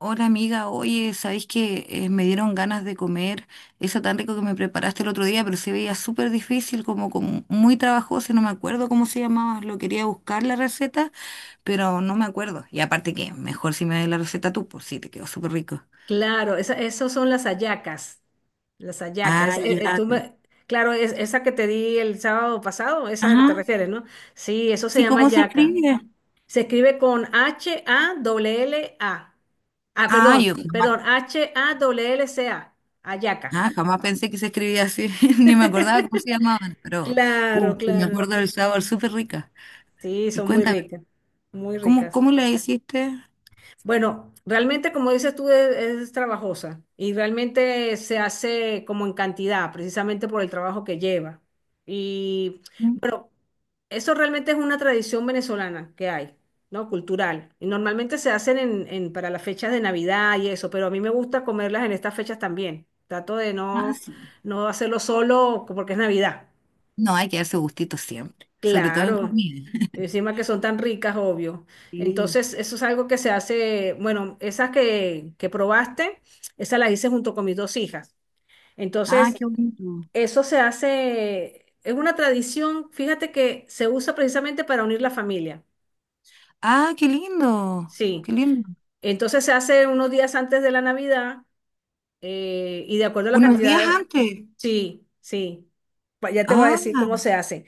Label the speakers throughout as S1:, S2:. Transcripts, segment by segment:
S1: Hola amiga, oye, ¿sabéis que me dieron ganas de comer eso tan rico que me preparaste el otro día, pero se veía súper difícil, como muy trabajoso, no me acuerdo cómo se llamaba, lo quería buscar la receta, pero no me acuerdo. Y aparte que mejor si me das la receta tú, pues sí, te quedó súper rico.
S2: Claro, esas son las hallacas, las hallacas.
S1: Ah, ya.
S2: Claro, esa que te di el sábado pasado, esa te
S1: Ajá.
S2: refieres, ¿no? Sí, eso se
S1: Sí,
S2: llama
S1: ¿cómo se
S2: hallaca.
S1: escribe?
S2: Se escribe con H-A-L-L-A. Ah,
S1: Ah,
S2: perdón,
S1: yo
S2: perdón,
S1: jamás,
S2: H-A-L-L-C-A, hallaca.
S1: ah, jamás pensé que se escribía así, ni me acordaba cómo se llamaban, pero
S2: Claro,
S1: sí me
S2: claro.
S1: acuerdo del sabor, súper rica.
S2: Sí,
S1: Y
S2: son muy
S1: cuéntame,
S2: ricas, muy
S1: ¿cómo,
S2: ricas.
S1: cómo la hiciste?
S2: Bueno, realmente como dices tú es trabajosa y realmente se hace como en cantidad, precisamente por el trabajo que lleva. Y
S1: Mm.
S2: bueno, eso realmente es una tradición venezolana que hay, ¿no? Cultural. Y normalmente se hacen para las fechas de Navidad y eso, pero a mí me gusta comerlas en estas fechas también. Trato de
S1: Ah,
S2: no,
S1: sí.
S2: no hacerlo solo porque es Navidad.
S1: No, hay que darse gustitos siempre, sobre todo en
S2: Claro,
S1: comida.
S2: encima que son tan ricas, obvio.
S1: Sí.
S2: Entonces, eso es algo que se hace, bueno, esas que probaste, esas las hice junto con mis dos hijas.
S1: Ah,
S2: Entonces,
S1: qué bonito.
S2: eso se hace, es una tradición, fíjate que se usa precisamente para unir la familia.
S1: Ah, qué lindo,
S2: Sí,
S1: qué lindo.
S2: entonces se hace unos días antes de la Navidad y de acuerdo a la
S1: Unos días
S2: cantidad,
S1: antes.
S2: sí, sí, ya te voy a
S1: Ah,
S2: decir cómo se hace,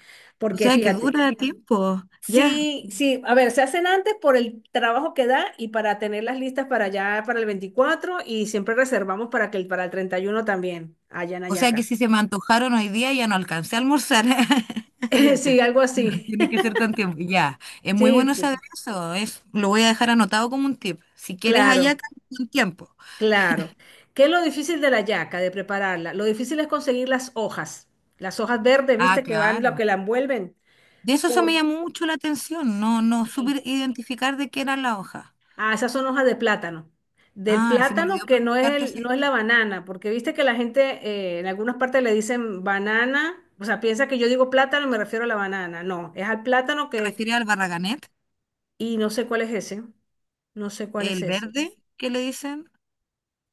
S1: o
S2: porque
S1: sea que
S2: fíjate,
S1: dura tiempo. Ya.
S2: sí, sí, a ver, se hacen antes por el trabajo que da y para tener las listas para allá para el 24 y siempre reservamos para el 31 también, allá en
S1: O sea que
S2: Ayacas.
S1: si se me antojaron hoy día ya no alcancé a almorzar. Ya acá.
S2: Sí, algo así.
S1: Tiene que ser con tiempo. Ya. Es muy
S2: Sí,
S1: bueno saber eso. Es, lo voy a dejar anotado como un tip. Si quieres
S2: claro,
S1: hallaca, con tiempo.
S2: claro. ¿Qué es lo difícil de la yaca, de prepararla? Lo difícil es conseguir las hojas verdes,
S1: Ah,
S2: ¿viste? Que van lo
S1: claro.
S2: que la envuelven.
S1: De eso se me
S2: ¿Por
S1: llamó mucho la atención. No
S2: qué?
S1: supe identificar de qué era la hoja.
S2: Ah, esas son hojas de plátano. Del
S1: Ah, se me
S2: plátano
S1: olvidó
S2: que no es
S1: preguntarte si
S2: el, no es la
S1: te
S2: banana, porque viste que la gente en algunas partes le dicen banana, o sea, piensa que yo digo plátano y me refiero a la banana. No, es al plátano que,
S1: refieres al barraganet,
S2: y no sé cuál es ese, no sé cuál es
S1: el
S2: ese.
S1: verde que le dicen,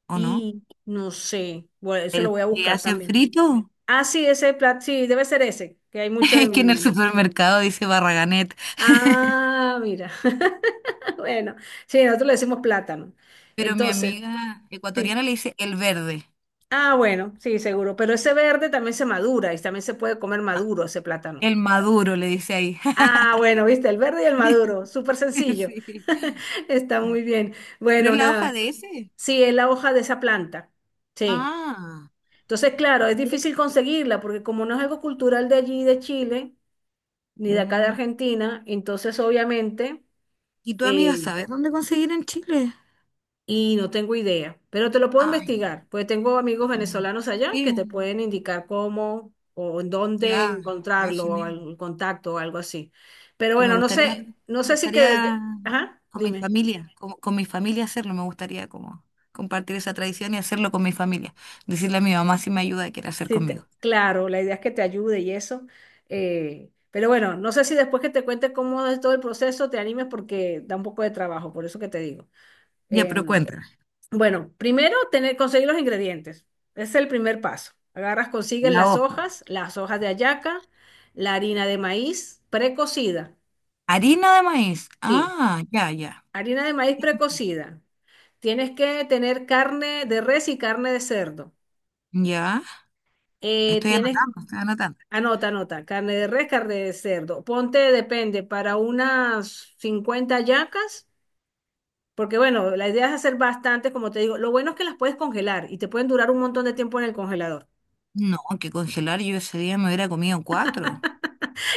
S1: ¿o no?
S2: Y no sé, bueno, eso lo
S1: ¿El
S2: voy a
S1: que
S2: buscar
S1: hacen
S2: también.
S1: frito?
S2: Ah, sí, ese plátano, sí, debe ser ese, que hay mucho
S1: Es que en el
S2: en...
S1: supermercado dice barraganet.
S2: Ah, mira. Bueno, sí, nosotros le decimos plátano.
S1: Pero mi
S2: Entonces,
S1: amiga
S2: sí.
S1: ecuatoriana le dice el verde,
S2: Ah, bueno, sí, seguro. Pero ese verde también se madura y también se puede comer maduro ese plátano.
S1: el maduro le dice ahí.
S2: Ah, bueno, viste, el verde y el maduro, súper sencillo.
S1: Sí.
S2: Está muy bien.
S1: ¿Pero
S2: Bueno,
S1: es la hoja
S2: nada.
S1: de ese?
S2: Sí, es la hoja de esa planta. Sí.
S1: Ah,
S2: Entonces, claro, es
S1: mira.
S2: difícil conseguirla porque como no es algo cultural de allí, de Chile, ni de acá de
S1: Mm,
S2: Argentina, entonces obviamente,
S1: ¿y tu amiga
S2: eh,
S1: sabes dónde conseguir en Chile?
S2: y no tengo idea, pero te lo puedo
S1: Ay,
S2: investigar, pues tengo amigos
S1: mm,
S2: venezolanos allá que te
S1: sí,
S2: pueden indicar cómo o en dónde
S1: ya, ya,
S2: encontrarlo o
S1: Chiné.
S2: el contacto o algo así. Pero
S1: Que
S2: bueno, no sé, no
S1: me
S2: sé si
S1: gustaría
S2: que, ajá,
S1: con mi
S2: dime.
S1: familia, con mi familia hacerlo, me gustaría como compartir esa tradición y hacerlo con mi familia. Decirle a mi mamá si me ayuda, que quiere hacer
S2: Sí,
S1: conmigo.
S2: claro, la idea es que te ayude y eso. Pero bueno, no sé si después que te cuente cómo es todo el proceso te animes porque da un poco de trabajo, por eso que te digo.
S1: Ya, pero cuéntame,
S2: Bueno, primero conseguir los ingredientes. Ese es el primer paso. Agarras, consigues
S1: la hoja.
S2: las hojas de hallaca, la harina de maíz precocida.
S1: Harina de maíz.
S2: Sí,
S1: Ah, ya, ya.
S2: harina de maíz precocida. Tienes que tener carne de res y carne de cerdo.
S1: Ya,
S2: Eh,
S1: estoy
S2: tienes,
S1: anotando, estoy anotando.
S2: anota, anota, carne de res, carne de cerdo. Ponte, depende, para unas 50 hallacas, porque bueno, la idea es hacer bastantes, como te digo. Lo bueno es que las puedes congelar y te pueden durar un montón de tiempo en el congelador.
S1: No, que congelar yo ese día me hubiera comido cuatro.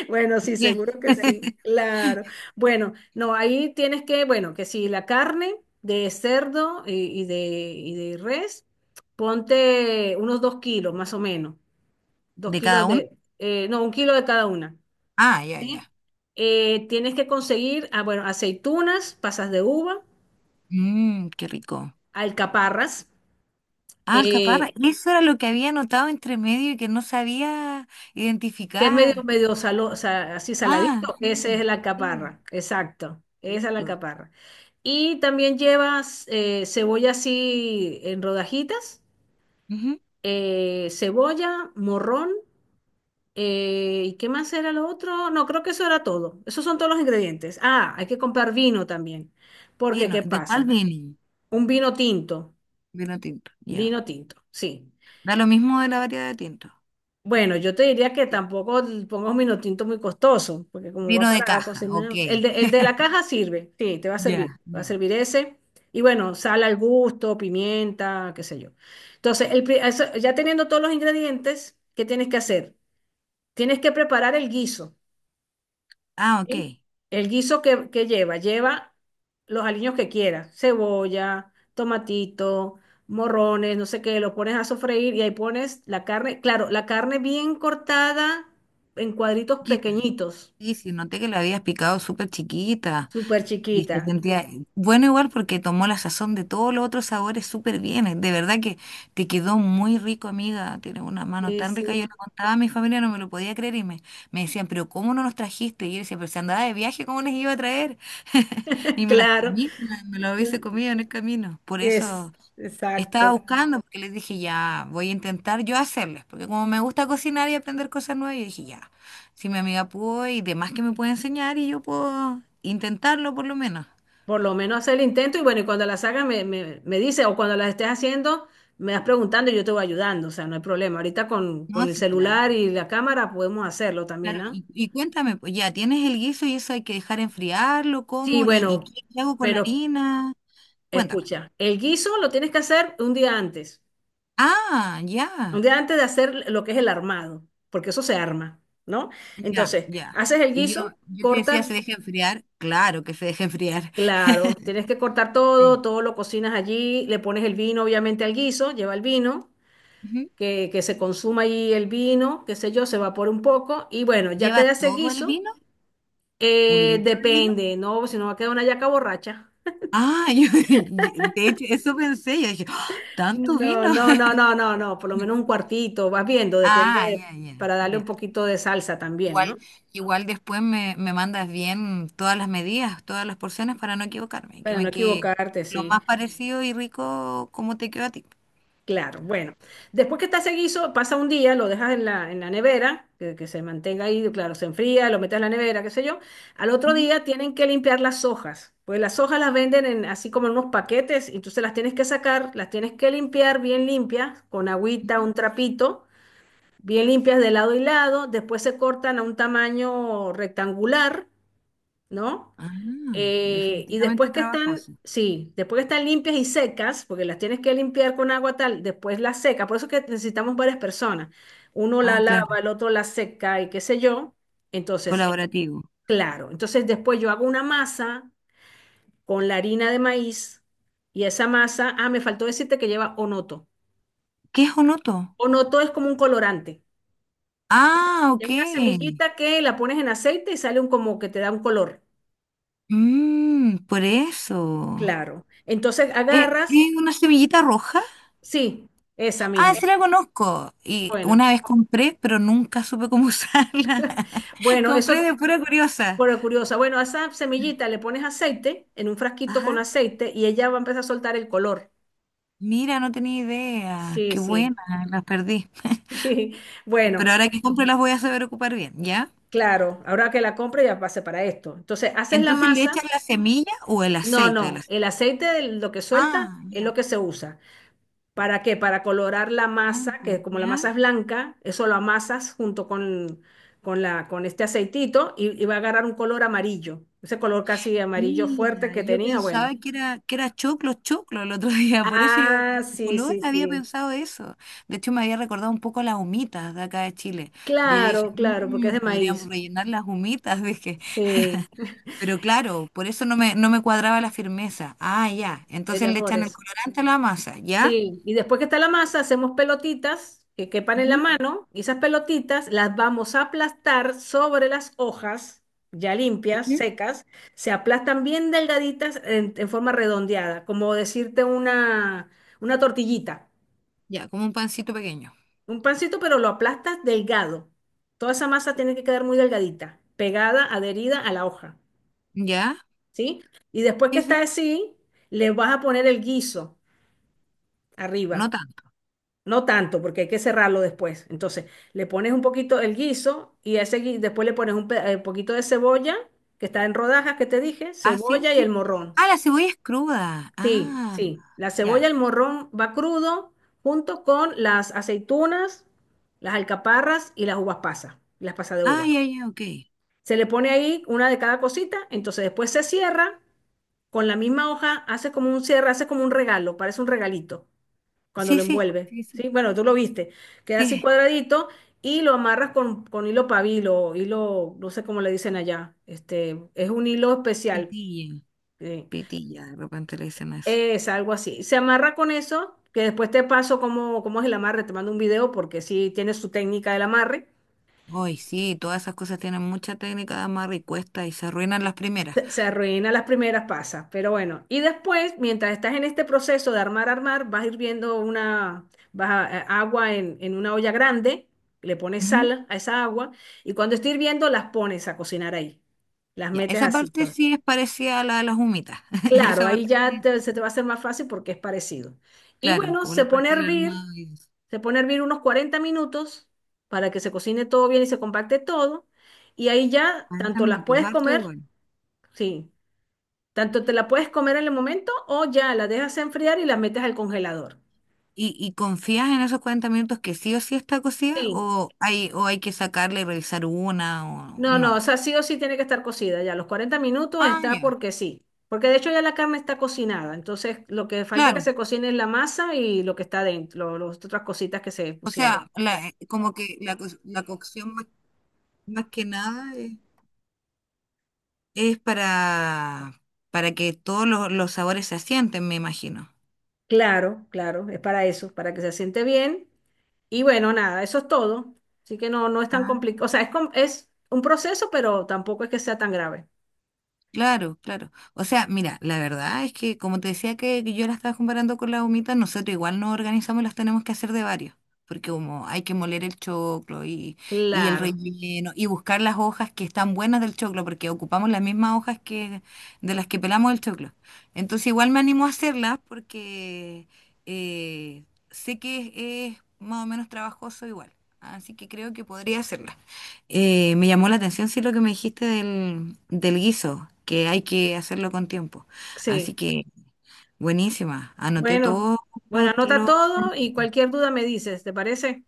S2: Bueno, sí,
S1: Diez.
S2: seguro que sí, claro. Bueno, no, ahí tienes que, bueno, que si la carne de cerdo y de res, ponte unos 2 kilos más o menos, dos
S1: ¿De cada
S2: kilos
S1: uno?
S2: de, no, 1 kilo de cada una,
S1: Ah, ya,
S2: ¿sí?
S1: ya.
S2: Tienes que conseguir, ah, bueno, aceitunas, pasas de uva,
S1: Mmm, qué rico.
S2: alcaparras,
S1: Ah, alcaparra.
S2: eh,
S1: Eso era lo que había anotado entre medio y que no sabía
S2: que es medio,
S1: identificar.
S2: medio así
S1: Ah,
S2: saladito, esa es
S1: sí,
S2: la
S1: sí,
S2: alcaparra, exacto, esa es la
S1: rico.
S2: alcaparra. Y también llevas cebolla así en rodajitas,
S1: Ujú.
S2: cebolla, morrón, ¿y qué más era lo otro? No, creo que eso era todo. Esos son todos los ingredientes. Ah, hay que comprar vino también, porque
S1: Vino,
S2: ¿qué
S1: ¿de cuál
S2: pasa?
S1: vino?
S2: Un
S1: Vino tinto, ya.
S2: vino tinto, sí.
S1: Da lo mismo de la variedad de tinto.
S2: Bueno, yo te diría que
S1: Sí.
S2: tampoco pongas un minotinto muy costoso, porque como va
S1: Vino de
S2: para la
S1: caja, ok.
S2: cocina, el de la caja sirve, sí, te
S1: Ya,
S2: va a
S1: ya.
S2: servir ese. Y bueno, sal al gusto, pimienta, qué sé yo. Entonces, ya teniendo todos los ingredientes, ¿qué tienes que hacer? Tienes que preparar el guiso.
S1: Ah, ok.
S2: ¿Sí? El guiso que lleva, lleva los aliños que quieras, cebolla, tomatito, morrones, no sé qué, lo pones a sofreír y ahí pones la carne, claro, la carne bien cortada en cuadritos
S1: Chiquita.
S2: pequeñitos,
S1: Sí, sí, noté que la habías picado súper chiquita.
S2: súper
S1: Y
S2: chiquita.
S1: se sentía bueno igual porque tomó la sazón de todos los otros sabores súper bien. De verdad que te quedó muy rico, amiga. Tienes una mano
S2: Sí,
S1: tan
S2: sí,
S1: rica. Yo le contaba a mi familia, no me lo podía creer y me decían, pero ¿cómo no nos trajiste? Y yo decía, pero si andaba de viaje, ¿cómo les iba a traer? Y me las
S2: claro.
S1: comí, me las hubiese comido en el camino. Por eso estaba
S2: Exacto.
S1: buscando, porque les dije, ya, voy a intentar yo hacerles. Porque como me gusta cocinar y aprender cosas nuevas, yo dije, ya, si mi amiga pudo y demás que me puede enseñar y yo puedo intentarlo por lo menos.
S2: Por lo menos hacer el intento y bueno, y cuando las hagas me dice o cuando las estés haciendo, me vas preguntando y yo te voy ayudando, o sea, no hay problema. Ahorita con
S1: No,
S2: el
S1: sí,
S2: celular
S1: claro.
S2: y la cámara podemos hacerlo también,
S1: Claro,
S2: ¿ah?
S1: y cuéntame, pues ya tienes el guiso y eso hay que dejar enfriarlo,
S2: Sí,
S1: ¿cómo? ¿Y
S2: bueno,
S1: qué hago con la
S2: pero
S1: harina? Cuéntame.
S2: escucha, el guiso lo tienes que hacer
S1: Ah, ya,
S2: un día antes de hacer lo que es el armado, porque eso se arma, ¿no?
S1: ya,
S2: Entonces,
S1: ya.
S2: haces el
S1: Y yo,
S2: guiso,
S1: yo te decía,
S2: cortas,
S1: ¿se deja enfriar? Claro que se deja enfriar.
S2: claro, tienes que cortar todo,
S1: Sí.
S2: todo lo cocinas allí, le pones el vino obviamente al guiso, lleva el vino,
S1: Ujú.
S2: que se consuma ahí el vino, qué sé yo, se evapora un poco y bueno, ya
S1: ¿Lleva
S2: queda ese
S1: todo el
S2: guiso.
S1: vino? ¿Un litro de vino?
S2: Depende, ¿no? Si no va a quedar una yaca borracha.
S1: Ah, yo, de hecho, eso pensé, yo dije, ¡ah! ¿Tanto
S2: No,
S1: vino?
S2: no, no, no, no, no, por lo menos un cuartito, vas viendo, depende
S1: Ah,
S2: de,
S1: ya, ya,
S2: para darle un
S1: ya.
S2: poquito de salsa también, ¿no?
S1: Igual, igual después me mandas bien todas las medidas, todas las porciones para no equivocarme, que
S2: Para no
S1: me quede
S2: equivocarte,
S1: lo
S2: sí.
S1: más parecido y rico como te quedó a ti.
S2: Claro, bueno. Después que está ese guiso, pasa un día, lo dejas en la, nevera, que se mantenga ahí, claro, se enfría, lo metes en la nevera, qué sé yo. Al otro
S1: Ujú,
S2: día tienen que limpiar las hojas, pues las hojas las venden así como en unos paquetes, y entonces las tienes que sacar, las tienes que limpiar bien limpias, con agüita,
S1: ujú.
S2: un trapito, bien limpias de lado y lado, después se cortan a un tamaño rectangular, ¿no?
S1: Ah,
S2: Y después
S1: definitivamente
S2: que están,
S1: trabajoso.
S2: sí, después que están limpias y secas, porque las tienes que limpiar con agua tal, después las secas. Por eso es que necesitamos varias personas. Uno la
S1: Ah, claro,
S2: lava, el otro la seca y qué sé yo. Entonces,
S1: colaborativo.
S2: claro. Entonces después yo hago una masa con la harina de maíz y esa masa, ah, me faltó decirte que lleva onoto.
S1: ¿Qué es un otro?
S2: Onoto es como un colorante.
S1: Ah,
S2: Es
S1: ok.
S2: una semillita que la pones en aceite y sale un como que te da un color.
S1: Mm, por eso.
S2: Claro. Entonces agarras,
S1: ¿Es una semillita roja?
S2: sí, esa
S1: Ah,
S2: misma.
S1: sí la conozco. Y
S2: Bueno.
S1: una vez compré, pero nunca supe cómo usarla.
S2: Bueno,
S1: Compré
S2: eso,
S1: de pura curiosa.
S2: bueno, curiosa. Bueno, a esa semillita le pones aceite en un frasquito con
S1: Ajá.
S2: aceite y ella va a empezar a soltar el color.
S1: Mira, no tenía idea.
S2: Sí,
S1: Qué
S2: sí.
S1: buena, las perdí.
S2: Sí. Bueno,
S1: Pero ahora que compre las voy a saber ocupar bien, ¿ya?
S2: claro, ahora que la compre ya pase para esto. Entonces, haces la
S1: Entonces le
S2: masa.
S1: echan la semilla o el
S2: No,
S1: aceite de la
S2: no,
S1: semilla.
S2: el aceite, de lo que suelta,
S1: Ah,
S2: es lo
S1: ya.
S2: que se usa. ¿Para qué? Para colorar la masa, que
S1: Antes,
S2: como la
S1: ¿ya?
S2: masa es blanca, eso lo amasas junto con, con este aceitito y va a agarrar un color amarillo. Ese color casi amarillo fuerte
S1: Mira,
S2: que
S1: yo
S2: tenía, bueno.
S1: pensaba que era choclo, choclo el otro día. Por eso yo, por
S2: Ah,
S1: el
S2: sí,
S1: color,
S2: sí,
S1: había
S2: sí.
S1: pensado eso. De hecho, me había recordado un poco las humitas de acá de Chile. Pero yo dije,
S2: Claro, claro, porque es
S1: "Mm,
S2: de maíz.
S1: podríamos rellenar las humitas", dije.
S2: Sí,
S1: Pero claro, por eso no me cuadraba la firmeza. Ah, ya. Entonces
S2: era
S1: le
S2: por
S1: echan el
S2: eso.
S1: colorante a la masa, ¿ya?
S2: Sí, y después que está la masa, hacemos pelotitas que quepan en la
S1: Ujú.
S2: mano y esas pelotitas las vamos a aplastar sobre las hojas ya limpias,
S1: Ujú.
S2: secas. Se aplastan bien delgaditas en forma redondeada, como decirte una tortillita,
S1: Ya, como un pancito pequeño.
S2: un pancito, pero lo aplastas delgado. Toda esa masa tiene que quedar muy delgadita, pegada, adherida a la hoja.
S1: ¿Ya?
S2: ¿Sí? Y después que
S1: Sí,
S2: está
S1: sí.
S2: así, le vas a poner el guiso
S1: No
S2: arriba.
S1: tanto.
S2: No tanto, porque hay que cerrarlo después. Entonces, le pones un poquito el guiso y a ese después le pones un poquito de cebolla, que está en rodajas, que te dije,
S1: Ah, sí,
S2: cebolla y el
S1: sí.
S2: morrón.
S1: Ah, la cebolla es cruda.
S2: Sí,
S1: Ah,
S2: sí, la cebolla,
S1: ya.
S2: el morrón va crudo junto con las aceitunas, las alcaparras y las uvas pasas, las pasas de
S1: Ah,
S2: uva.
S1: ya, ya, ok.
S2: Se le pone ahí una de cada cosita, entonces después se cierra con la misma hoja hace como un cierre, hace como un regalo, parece un regalito cuando
S1: Sí,
S2: lo
S1: sí.
S2: envuelve,
S1: Sí, sí.
S2: ¿sí? Bueno, tú lo viste, queda así
S1: Sí.
S2: cuadradito y lo amarras con hilo pabilo, hilo, no sé cómo le dicen allá, este, es un hilo especial,
S1: Pitilla.
S2: eh,
S1: Pitilla, de repente le dicen eso.
S2: es algo así. Se amarra con eso, que después te paso cómo es el amarre, te mando un video porque sí tiene su técnica del amarre.
S1: Hoy sí, todas esas cosas tienen mucha técnica de amarre y cuesta y se arruinan las primeras.
S2: Se arruina las primeras pasas, pero bueno. Y después, mientras estás en este proceso de armar, armar, vas hirviendo una, agua en una olla grande, le pones
S1: Ujú.
S2: sal a esa agua y cuando esté hirviendo las pones a cocinar ahí. Las
S1: Ya,
S2: metes
S1: esa
S2: así,
S1: parte
S2: todo.
S1: sí es parecida a la de las humitas.
S2: Claro,
S1: Esa
S2: ahí
S1: parte
S2: ya
S1: sí,
S2: se te va a hacer más fácil porque es parecido. Y
S1: claro,
S2: bueno,
S1: como
S2: se
S1: la
S2: pone a
S1: parte del
S2: hervir,
S1: armado y eso.
S2: se pone a hervir unos 40 minutos para que se cocine todo bien y se compacte todo. Y ahí ya
S1: 40
S2: tanto las
S1: minutos,
S2: puedes
S1: harto
S2: comer.
S1: igual.
S2: Sí, tanto te la puedes comer en el momento o ya la dejas enfriar y la metes al congelador.
S1: ¿Y confías en esos 40 minutos que sí o sí está cocida?
S2: Sí.
S1: O hay que sacarle y revisar una o
S2: No, no, o
S1: no?
S2: sea, sí o sí tiene que estar cocida ya. Los 40 minutos
S1: Ah,
S2: está
S1: ya, ok.
S2: porque sí. Porque de hecho ya la carne está cocinada. Entonces, lo que falta que
S1: Claro. Ok.
S2: se cocine es la masa y lo que está dentro, las otras cositas que se
S1: O
S2: pusieron.
S1: sea, la, como que la, la cocción más, más que nada es, es para que todos los sabores se asienten, me imagino.
S2: Claro, claro, es para eso, para que se siente bien. Y bueno, nada, eso es todo. Así que no, no es tan complicado. O sea, es un proceso, pero tampoco es que sea tan grave.
S1: Claro, claro. O sea, mira, la verdad es que como te decía que yo la estaba comparando con la humita, nosotros igual nos organizamos y las tenemos que hacer de varios, porque como hay que moler el choclo y el
S2: Claro,
S1: relleno y buscar las hojas que están buenas del choclo, porque ocupamos las mismas hojas que de las que pelamos el choclo. Entonces igual me animo a hacerlas porque eh, sé que es más o menos trabajoso igual, así que creo que podría hacerlas. Me llamó la atención, sí, lo que me dijiste del guiso, que hay que hacerlo con tiempo. Así
S2: sí.
S1: que, buenísima. Anoté
S2: Bueno,
S1: todos
S2: bueno,
S1: los,
S2: anota todo y cualquier duda me dices, ¿te parece?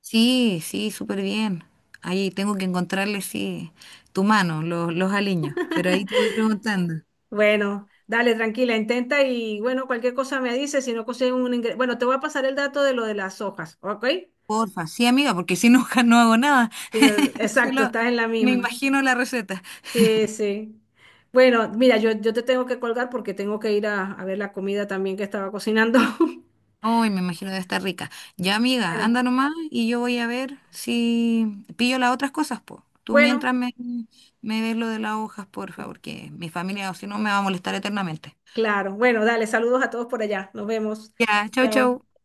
S1: sí, sí, súper bien. Ahí tengo que encontrarle, sí, tu mano, los aliños. Pero ahí te voy preguntando.
S2: Bueno, dale, tranquila, intenta y bueno, cualquier cosa me dices, si no consigues un ingreso. Bueno, te voy a pasar el dato de lo de las hojas, ¿ok?
S1: Porfa, sí, amiga, porque si no, no hago nada.
S2: Sí, no, exacto,
S1: Solo
S2: estás en la
S1: me
S2: misma.
S1: imagino la receta.
S2: Sí, sí. Bueno, mira, yo te tengo que colgar porque tengo que ir a ver la comida también que estaba cocinando.
S1: Uy, me imagino debe estar rica. Ya, amiga,
S2: Bueno,
S1: anda nomás y yo voy a ver si pillo las otras cosas, po. Tú
S2: bueno,
S1: mientras me ves lo de las hojas, por favor, que mi familia, o si no, me va a molestar eternamente.
S2: claro. Bueno, dale, saludos a todos por allá. Nos vemos.
S1: Ya, chau,
S2: Chao.
S1: chau.